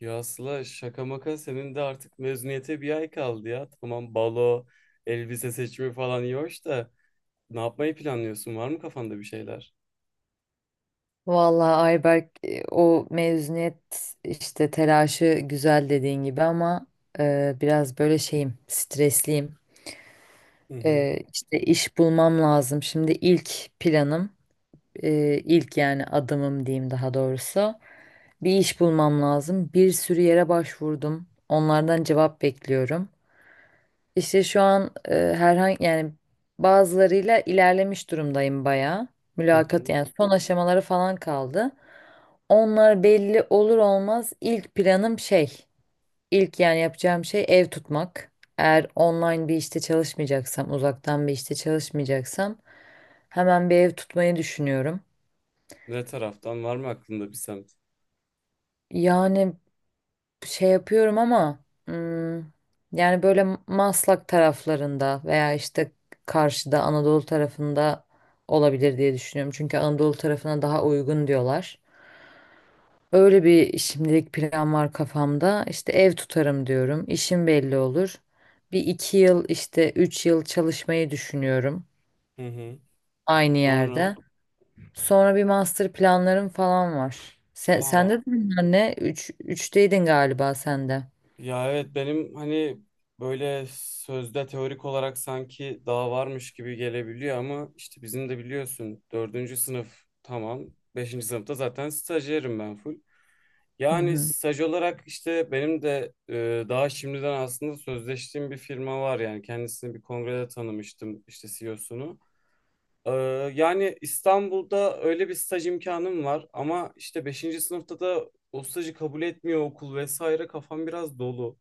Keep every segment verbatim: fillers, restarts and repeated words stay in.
Ya Sıla şaka maka senin de artık mezuniyete bir ay kaldı ya. Tamam, balo, elbise seçimi falan iyi hoş da ne yapmayı planlıyorsun? Var mı kafanda bir şeyler? Vallahi Ayberk, e, o mezuniyet işte telaşı güzel dediğin gibi ama e, biraz böyle şeyim stresliyim. Hı hı. E, işte iş bulmam lazım. Şimdi ilk planım, e, ilk yani adımım diyeyim daha doğrusu bir iş bulmam lazım. Bir sürü yere başvurdum. Onlardan cevap bekliyorum. İşte şu an, e, herhangi yani bazılarıyla ilerlemiş durumdayım bayağı. Hı Mülakat hı. yani son aşamaları falan kaldı. Onlar belli olur olmaz ilk planım şey, ilk yani yapacağım şey ev tutmak. Eğer online bir işte çalışmayacaksam, uzaktan bir işte çalışmayacaksam hemen bir ev tutmayı düşünüyorum. Ne taraftan var mı aklında bir semt? Yani şey yapıyorum ama hmm, yani böyle Maslak taraflarında veya işte karşıda Anadolu tarafında olabilir diye düşünüyorum. Çünkü Anadolu tarafına daha uygun diyorlar. Öyle bir şimdilik plan var kafamda. İşte ev tutarım diyorum. İşim belli olur. Bir iki yıl işte üç yıl çalışmayı düşünüyorum Hı hı. aynı Sonra yerde. Sonra bir master planlarım falan var. Sen, aa, Sende de bunlar ne? Üç, üçteydin galiba sende. ya evet benim hani böyle sözde teorik olarak sanki daha varmış gibi gelebiliyor ama işte bizim de biliyorsun dördüncü sınıf tamam. Beşinci sınıfta zaten stajyerim ben full. Hı Yani hı. staj olarak işte benim de e, daha şimdiden aslında sözleştiğim bir firma var, yani kendisini bir kongrede tanımıştım işte C E O'sunu. Ee, yani İstanbul'da öyle bir staj imkanım var ama işte beşinci sınıfta da o stajı kabul etmiyor okul vesaire, kafam biraz dolu.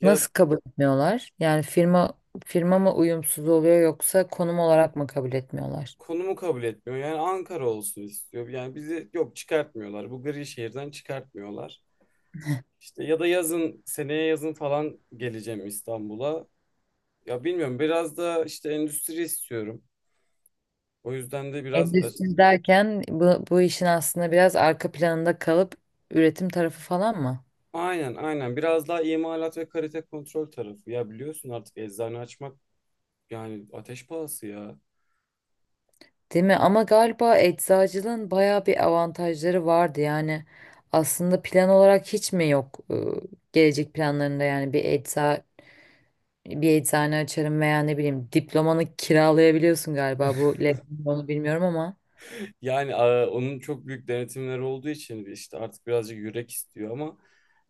Ya Nasıl kabul etmiyorlar? Yani firma firma mı uyumsuz oluyor yoksa konum olarak mı kabul etmiyorlar? konumu kabul etmiyor, yani Ankara olsun istiyor, yani bizi yok, çıkartmıyorlar, bu gri şehirden çıkartmıyorlar. İşte ya da yazın, seneye yazın falan geleceğim İstanbul'a. Ya bilmiyorum, biraz da işte endüstri istiyorum. O yüzden de biraz aç- Endüstri derken bu, bu işin aslında biraz arka planında kalıp üretim tarafı falan mı? aynen aynen biraz daha imalat ve kalite kontrol tarafı. Ya biliyorsun artık eczane açmak yani ateş pahası ya. Değil mi? Ama galiba eczacılığın bayağı bir avantajları vardı. Yani aslında plan olarak hiç mi yok, e, gelecek planlarında yani bir ecza bir eczane açarım veya ne bileyim diplomanı kiralayabiliyorsun galiba bu lab- onu bilmiyorum ama. Yani a, onun çok büyük denetimleri olduğu için işte artık birazcık yürek istiyor ama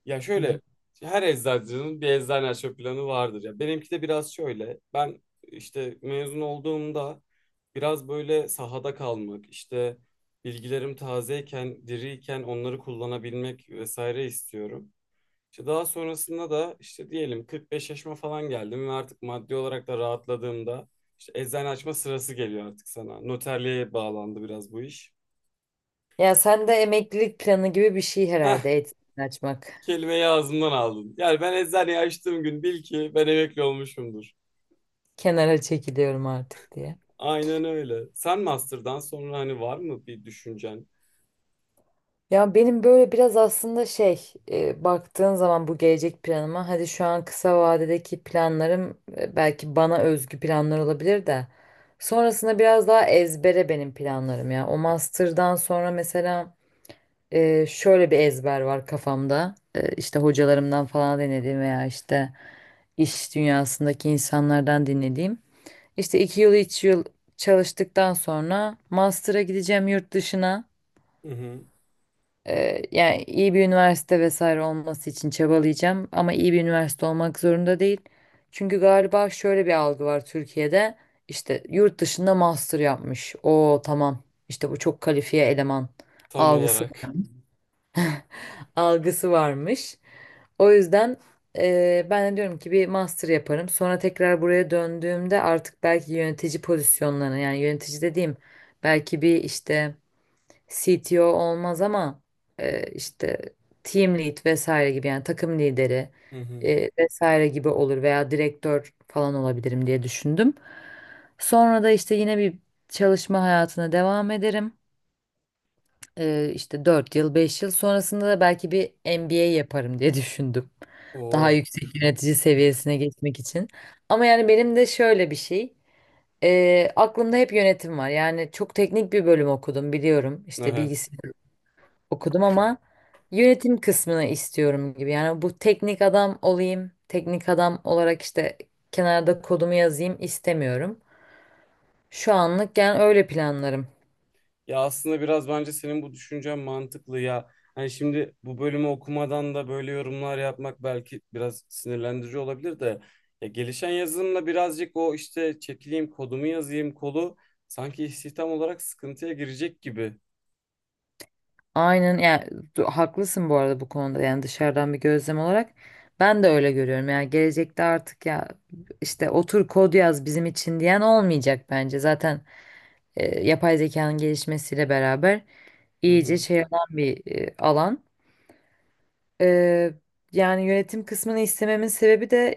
ya Hı. şöyle, her eczacının bir eczane açma planı vardır ya. Benimki de biraz şöyle. Ben işte mezun olduğumda biraz böyle sahada kalmak, işte bilgilerim tazeyken, diriyken onları kullanabilmek vesaire istiyorum. İşte daha sonrasında da işte diyelim kırk beş yaşıma falan geldim ve artık maddi olarak da rahatladığımda işte eczane açma sırası geliyor artık sana. Noterliğe bağlandı biraz bu iş. Ya sen de emeklilik planı gibi bir şey Heh, herhalde eğitim açmak. kelimeyi ağzımdan aldın. Yani ben eczaneyi açtığım gün bil ki ben emekli olmuşumdur. Kenara çekiliyorum artık diye. Aynen öyle. Sen master'dan sonra hani var mı bir düşüncen? Ya benim böyle biraz aslında şey, e, baktığın zaman bu gelecek planıma hadi şu an kısa vadedeki planlarım, e, belki bana özgü planlar olabilir de sonrasında biraz daha ezbere benim planlarım ya. O master'dan sonra mesela, e, şöyle bir ezber var kafamda. E, işte hocalarımdan falan dinlediğim veya işte iş dünyasındaki insanlardan dinlediğim. İşte iki yıl üç yıl çalıştıktan sonra master'a gideceğim yurt dışına. Hı hı. Ee, yani iyi bir üniversite vesaire olması için çabalayacağım ama iyi bir üniversite olmak zorunda değil. Çünkü galiba şöyle bir algı var Türkiye'de. İşte yurt dışında master yapmış. O tamam. İşte bu çok kalifiye eleman Tam algısı olarak. algısı varmış. O yüzden, eee, ben de diyorum ki bir master yaparım. Sonra tekrar buraya döndüğümde artık belki yönetici pozisyonlarına yani yönetici dediğim belki bir işte C T O olmaz ama, eee, işte team lead vesaire gibi yani takım lideri, Hı hı. eee, vesaire gibi olur veya direktör falan olabilirim diye düşündüm. Sonra da işte yine bir çalışma hayatına devam ederim. Ee, işte dört yıl beş yıl sonrasında da belki bir M B A yaparım diye düşündüm. Daha Oo, yüksek yönetici seviyesine geçmek için. Ama yani benim de şöyle bir şey. ee, aklımda hep yönetim var. Yani çok teknik bir bölüm okudum biliyorum. İşte evet. bilgisayar okudum ama yönetim kısmını istiyorum gibi. Yani bu teknik adam olayım, teknik adam olarak işte kenarda kodumu yazayım istemiyorum. Şu anlık yani öyle planlarım. Ya aslında biraz bence senin bu düşüncen mantıklı ya. Hani şimdi bu bölümü okumadan da böyle yorumlar yapmak belki biraz sinirlendirici olabilir de ya, gelişen yazılımla birazcık o işte çekileyim kodumu yazayım kolu sanki istihdam olarak sıkıntıya girecek gibi. Aynen yani, du- haklısın bu arada bu konuda. Yani dışarıdan bir gözlem olarak ben de öyle görüyorum. Yani gelecekte artık ya işte otur kod yaz bizim için diyen olmayacak bence zaten, e, yapay zekanın gelişmesiyle beraber Hı iyice hı. şey olan bir e, alan. E, Yani yönetim kısmını istememin sebebi de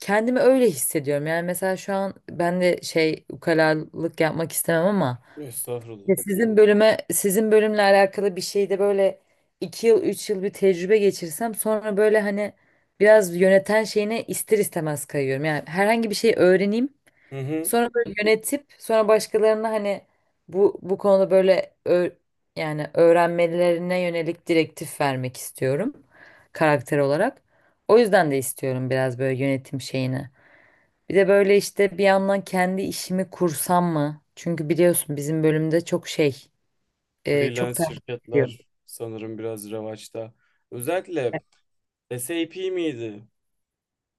kendimi öyle hissediyorum. Yani mesela şu an ben de şey ukalalık yapmak istemem ama Estağfurullah. ya, Sizin bölüme, sizin bölümle alakalı bir şeyde böyle iki yıl, üç yıl bir tecrübe geçirsem sonra böyle hani biraz yöneten şeyine ister istemez kayıyorum. Yani herhangi bir şey öğreneyim, Hı hı. sonra böyle yönetip sonra başkalarına hani bu bu konuda böyle ö- yani öğrenmelerine yönelik direktif vermek istiyorum karakter olarak. O yüzden de istiyorum biraz böyle yönetim şeyini. Bir de böyle işte bir yandan kendi işimi kursam mı? Çünkü biliyorsun bizim bölümde çok şey, e, çok Freelance takip ediyor. şirketler sanırım biraz revaçta. Özellikle SAP miydi?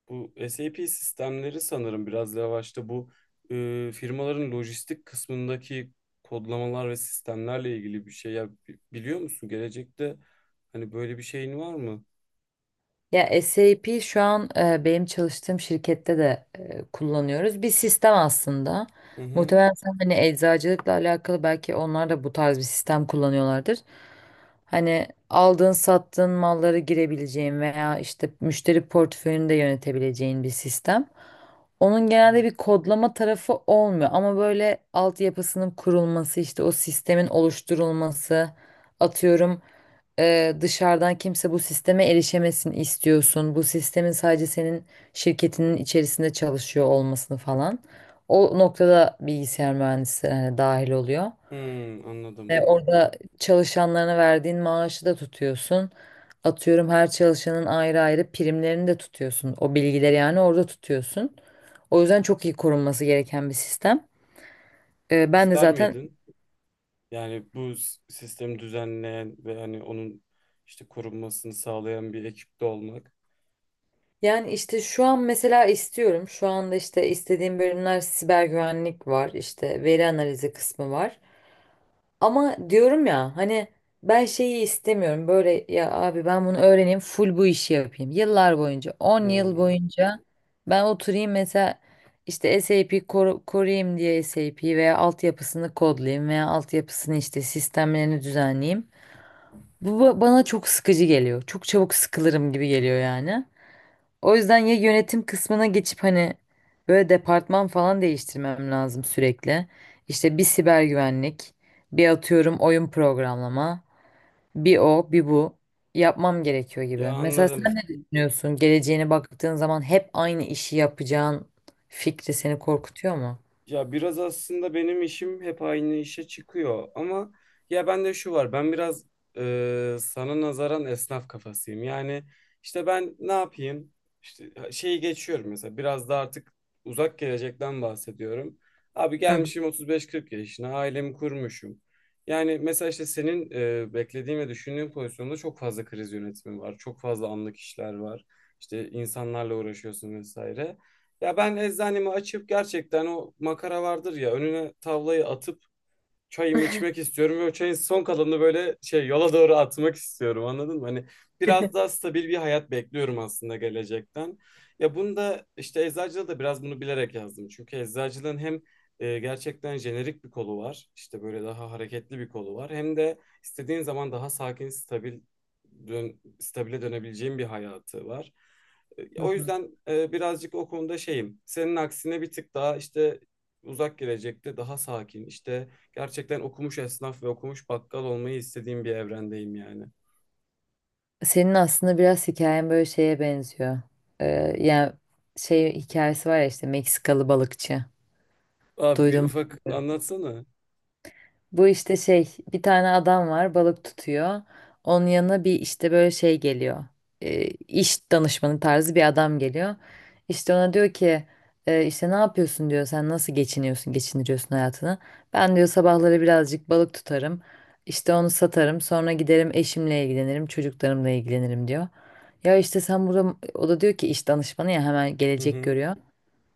Bu SAP sistemleri sanırım biraz revaçta, bu e, firmaların lojistik kısmındaki kodlamalar ve sistemlerle ilgili bir şey. Ya, bi- biliyor musun, gelecekte hani böyle bir şeyin var mı? Ya SAP şu an, e, benim çalıştığım şirkette de, e, kullanıyoruz. Bir sistem aslında. Hı hı. Muhtemelen sen hani eczacılıkla alakalı belki onlar da bu tarz bir sistem kullanıyorlardır. Hani aldığın sattığın malları girebileceğin veya işte müşteri portföyünü de yönetebileceğin bir sistem. Onun genelde bir kodlama tarafı olmuyor ama böyle altyapısının kurulması işte o sistemin oluşturulması atıyorum. E, dışarıdan kimse bu sisteme erişemesin istiyorsun. Bu sistemin sadece senin şirketinin içerisinde çalışıyor olmasını falan. O noktada bilgisayar mühendisleri hani dahil oluyor. Hmm, anladım. Ve orada çalışanlarına verdiğin maaşı da tutuyorsun. Atıyorum her çalışanın ayrı ayrı primlerini de tutuyorsun. O bilgileri yani orada tutuyorsun. O yüzden çok iyi korunması gereken bir sistem. E, ben de İster zaten. miydin? Yani bu s- sistemi düzenleyen ve hani onun işte korunmasını sağlayan bir ekipte olmak. Yani işte şu an mesela istiyorum. Şu anda işte istediğim bölümler siber güvenlik var, işte veri analizi kısmı var. Ama diyorum ya hani ben şeyi istemiyorum. Böyle ya abi ben bunu öğreneyim, full bu işi yapayım. Yıllar boyunca, on yıl Hmm. boyunca ben oturayım mesela işte SAP koru- koruyayım diye SAP veya altyapısını kodlayayım veya altyapısını işte sistemlerini düzenleyeyim. Bu ba- bana çok sıkıcı geliyor. Çok çabuk sıkılırım gibi geliyor yani. O yüzden ya yönetim kısmına geçip hani böyle departman falan değiştirmem lazım sürekli. İşte bir siber güvenlik, bir atıyorum oyun programlama, bir o, bir bu yapmam gerekiyor Ya, gibi. Mesela anladım. sen ne düşünüyorsun? Geleceğine baktığın zaman hep aynı işi yapacağın fikri seni korkutuyor mu? Ya biraz aslında benim işim hep aynı işe çıkıyor ama ya bende şu var, ben biraz e, sana nazaran esnaf kafasıyım. Yani işte ben ne yapayım, işte şeyi geçiyorum, mesela biraz da artık uzak gelecekten bahsediyorum. Abi Hı gelmişim otuz beş kırk yaşına, ailemi kurmuşum. Yani mesela işte senin e, beklediğin ve düşündüğün pozisyonda çok fazla kriz yönetimi var. Çok fazla anlık işler var. İşte insanlarla uğraşıyorsun vesaire. Ya ben eczanemi açıp gerçekten o makara vardır ya, önüne tavlayı atıp çayımı içmek istiyorum ve o çayın son kalanını böyle şey yola doğru atmak istiyorum, anladın mı? Hani hı. biraz daha stabil bir hayat bekliyorum aslında gelecekten. Ya bunu da işte eczacılığa da biraz bunu bilerek yazdım. Çünkü eczacılığın hem e, gerçekten jenerik bir kolu var. İşte böyle daha hareketli bir kolu var. Hem de istediğin zaman daha sakin, stabil dön, stabile dönebileceğin bir hayatı var. E, O hı. yüzden e, birazcık o konuda şeyim. Senin aksine bir tık daha işte uzak gelecekte daha sakin, işte gerçekten okumuş esnaf ve okumuş bakkal olmayı istediğim bir evrendeyim yani. Senin aslında biraz hikayen böyle şeye benziyor. Ee, Yani şey hikayesi var ya işte Meksikalı balıkçı. Abi bir Duydum. ufak anlatsana. Bu işte şey bir tane adam var balık tutuyor. Onun yanına bir işte böyle şey geliyor. E, iş danışmanı tarzı bir adam geliyor. İşte ona diyor ki, e, işte ne yapıyorsun diyor sen nasıl geçiniyorsun geçindiriyorsun hayatını. Ben diyor sabahları birazcık balık tutarım. İşte onu satarım sonra giderim eşimle ilgilenirim çocuklarımla ilgilenirim diyor. Ya işte sen burada o da diyor ki iş danışmanı ya hemen Hı gelecek hı. görüyor.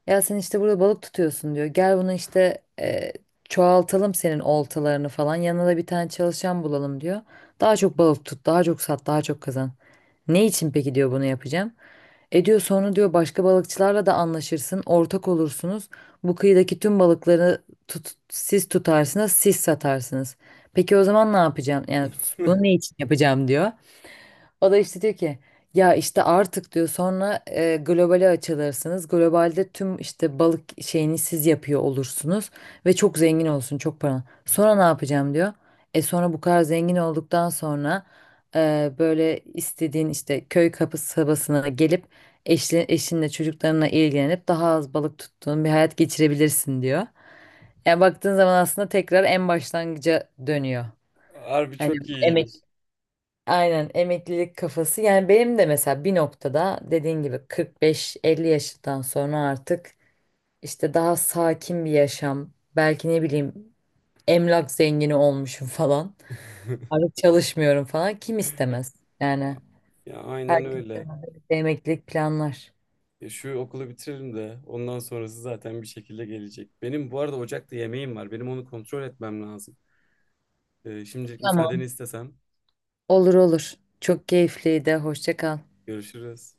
Ya sen işte burada balık tutuyorsun diyor. Gel bunu işte, e, çoğaltalım senin oltalarını falan. Yanına da bir tane çalışan bulalım diyor. Daha çok balık tut, daha çok sat, daha çok kazan. Ne için peki diyor bunu yapacağım. E diyor sonra diyor başka balıkçılarla da anlaşırsın, ortak olursunuz. Bu kıyıdaki tüm balıkları tut, siz tutarsınız, siz satarsınız. Peki o zaman ne yapacağım? Yani bunu ne için yapacağım diyor. O da işte diyor ki ya işte artık diyor sonra, e, globale açılırsınız. Globalde tüm işte balık şeyini siz yapıyor olursunuz ve çok zengin olsun çok para. Sonra ne yapacağım diyor. E sonra bu kadar zengin olduktan sonra, e, böyle istediğin işte köy kapısı sabasına gelip eşli, eşinle çocuklarına ilgilenip daha az balık tuttuğun bir hayat geçirebilirsin diyor. Yani baktığın zaman aslında tekrar en başlangıca dönüyor. Harbi Hani. çok iyiymiş. Aynen, emeklilik kafası. Yani benim de mesela bir noktada dediğin gibi kırk beş elli yaşından sonra artık işte daha sakin bir yaşam, belki ne bileyim emlak zengini olmuşum falan. Artık çalışmıyorum falan. Kim istemez? Yani Ya aynen herkes öyle. de emeklilik planlar. Ya şu okulu bitiririm de ondan sonrası zaten bir şekilde gelecek. Benim bu arada ocakta yemeğim var. Benim onu kontrol etmem lazım. Ee, şimdilik müsaadeni Tamam. istesem. Olur olur. Çok keyifliydi. Hoşça kal. Görüşürüz.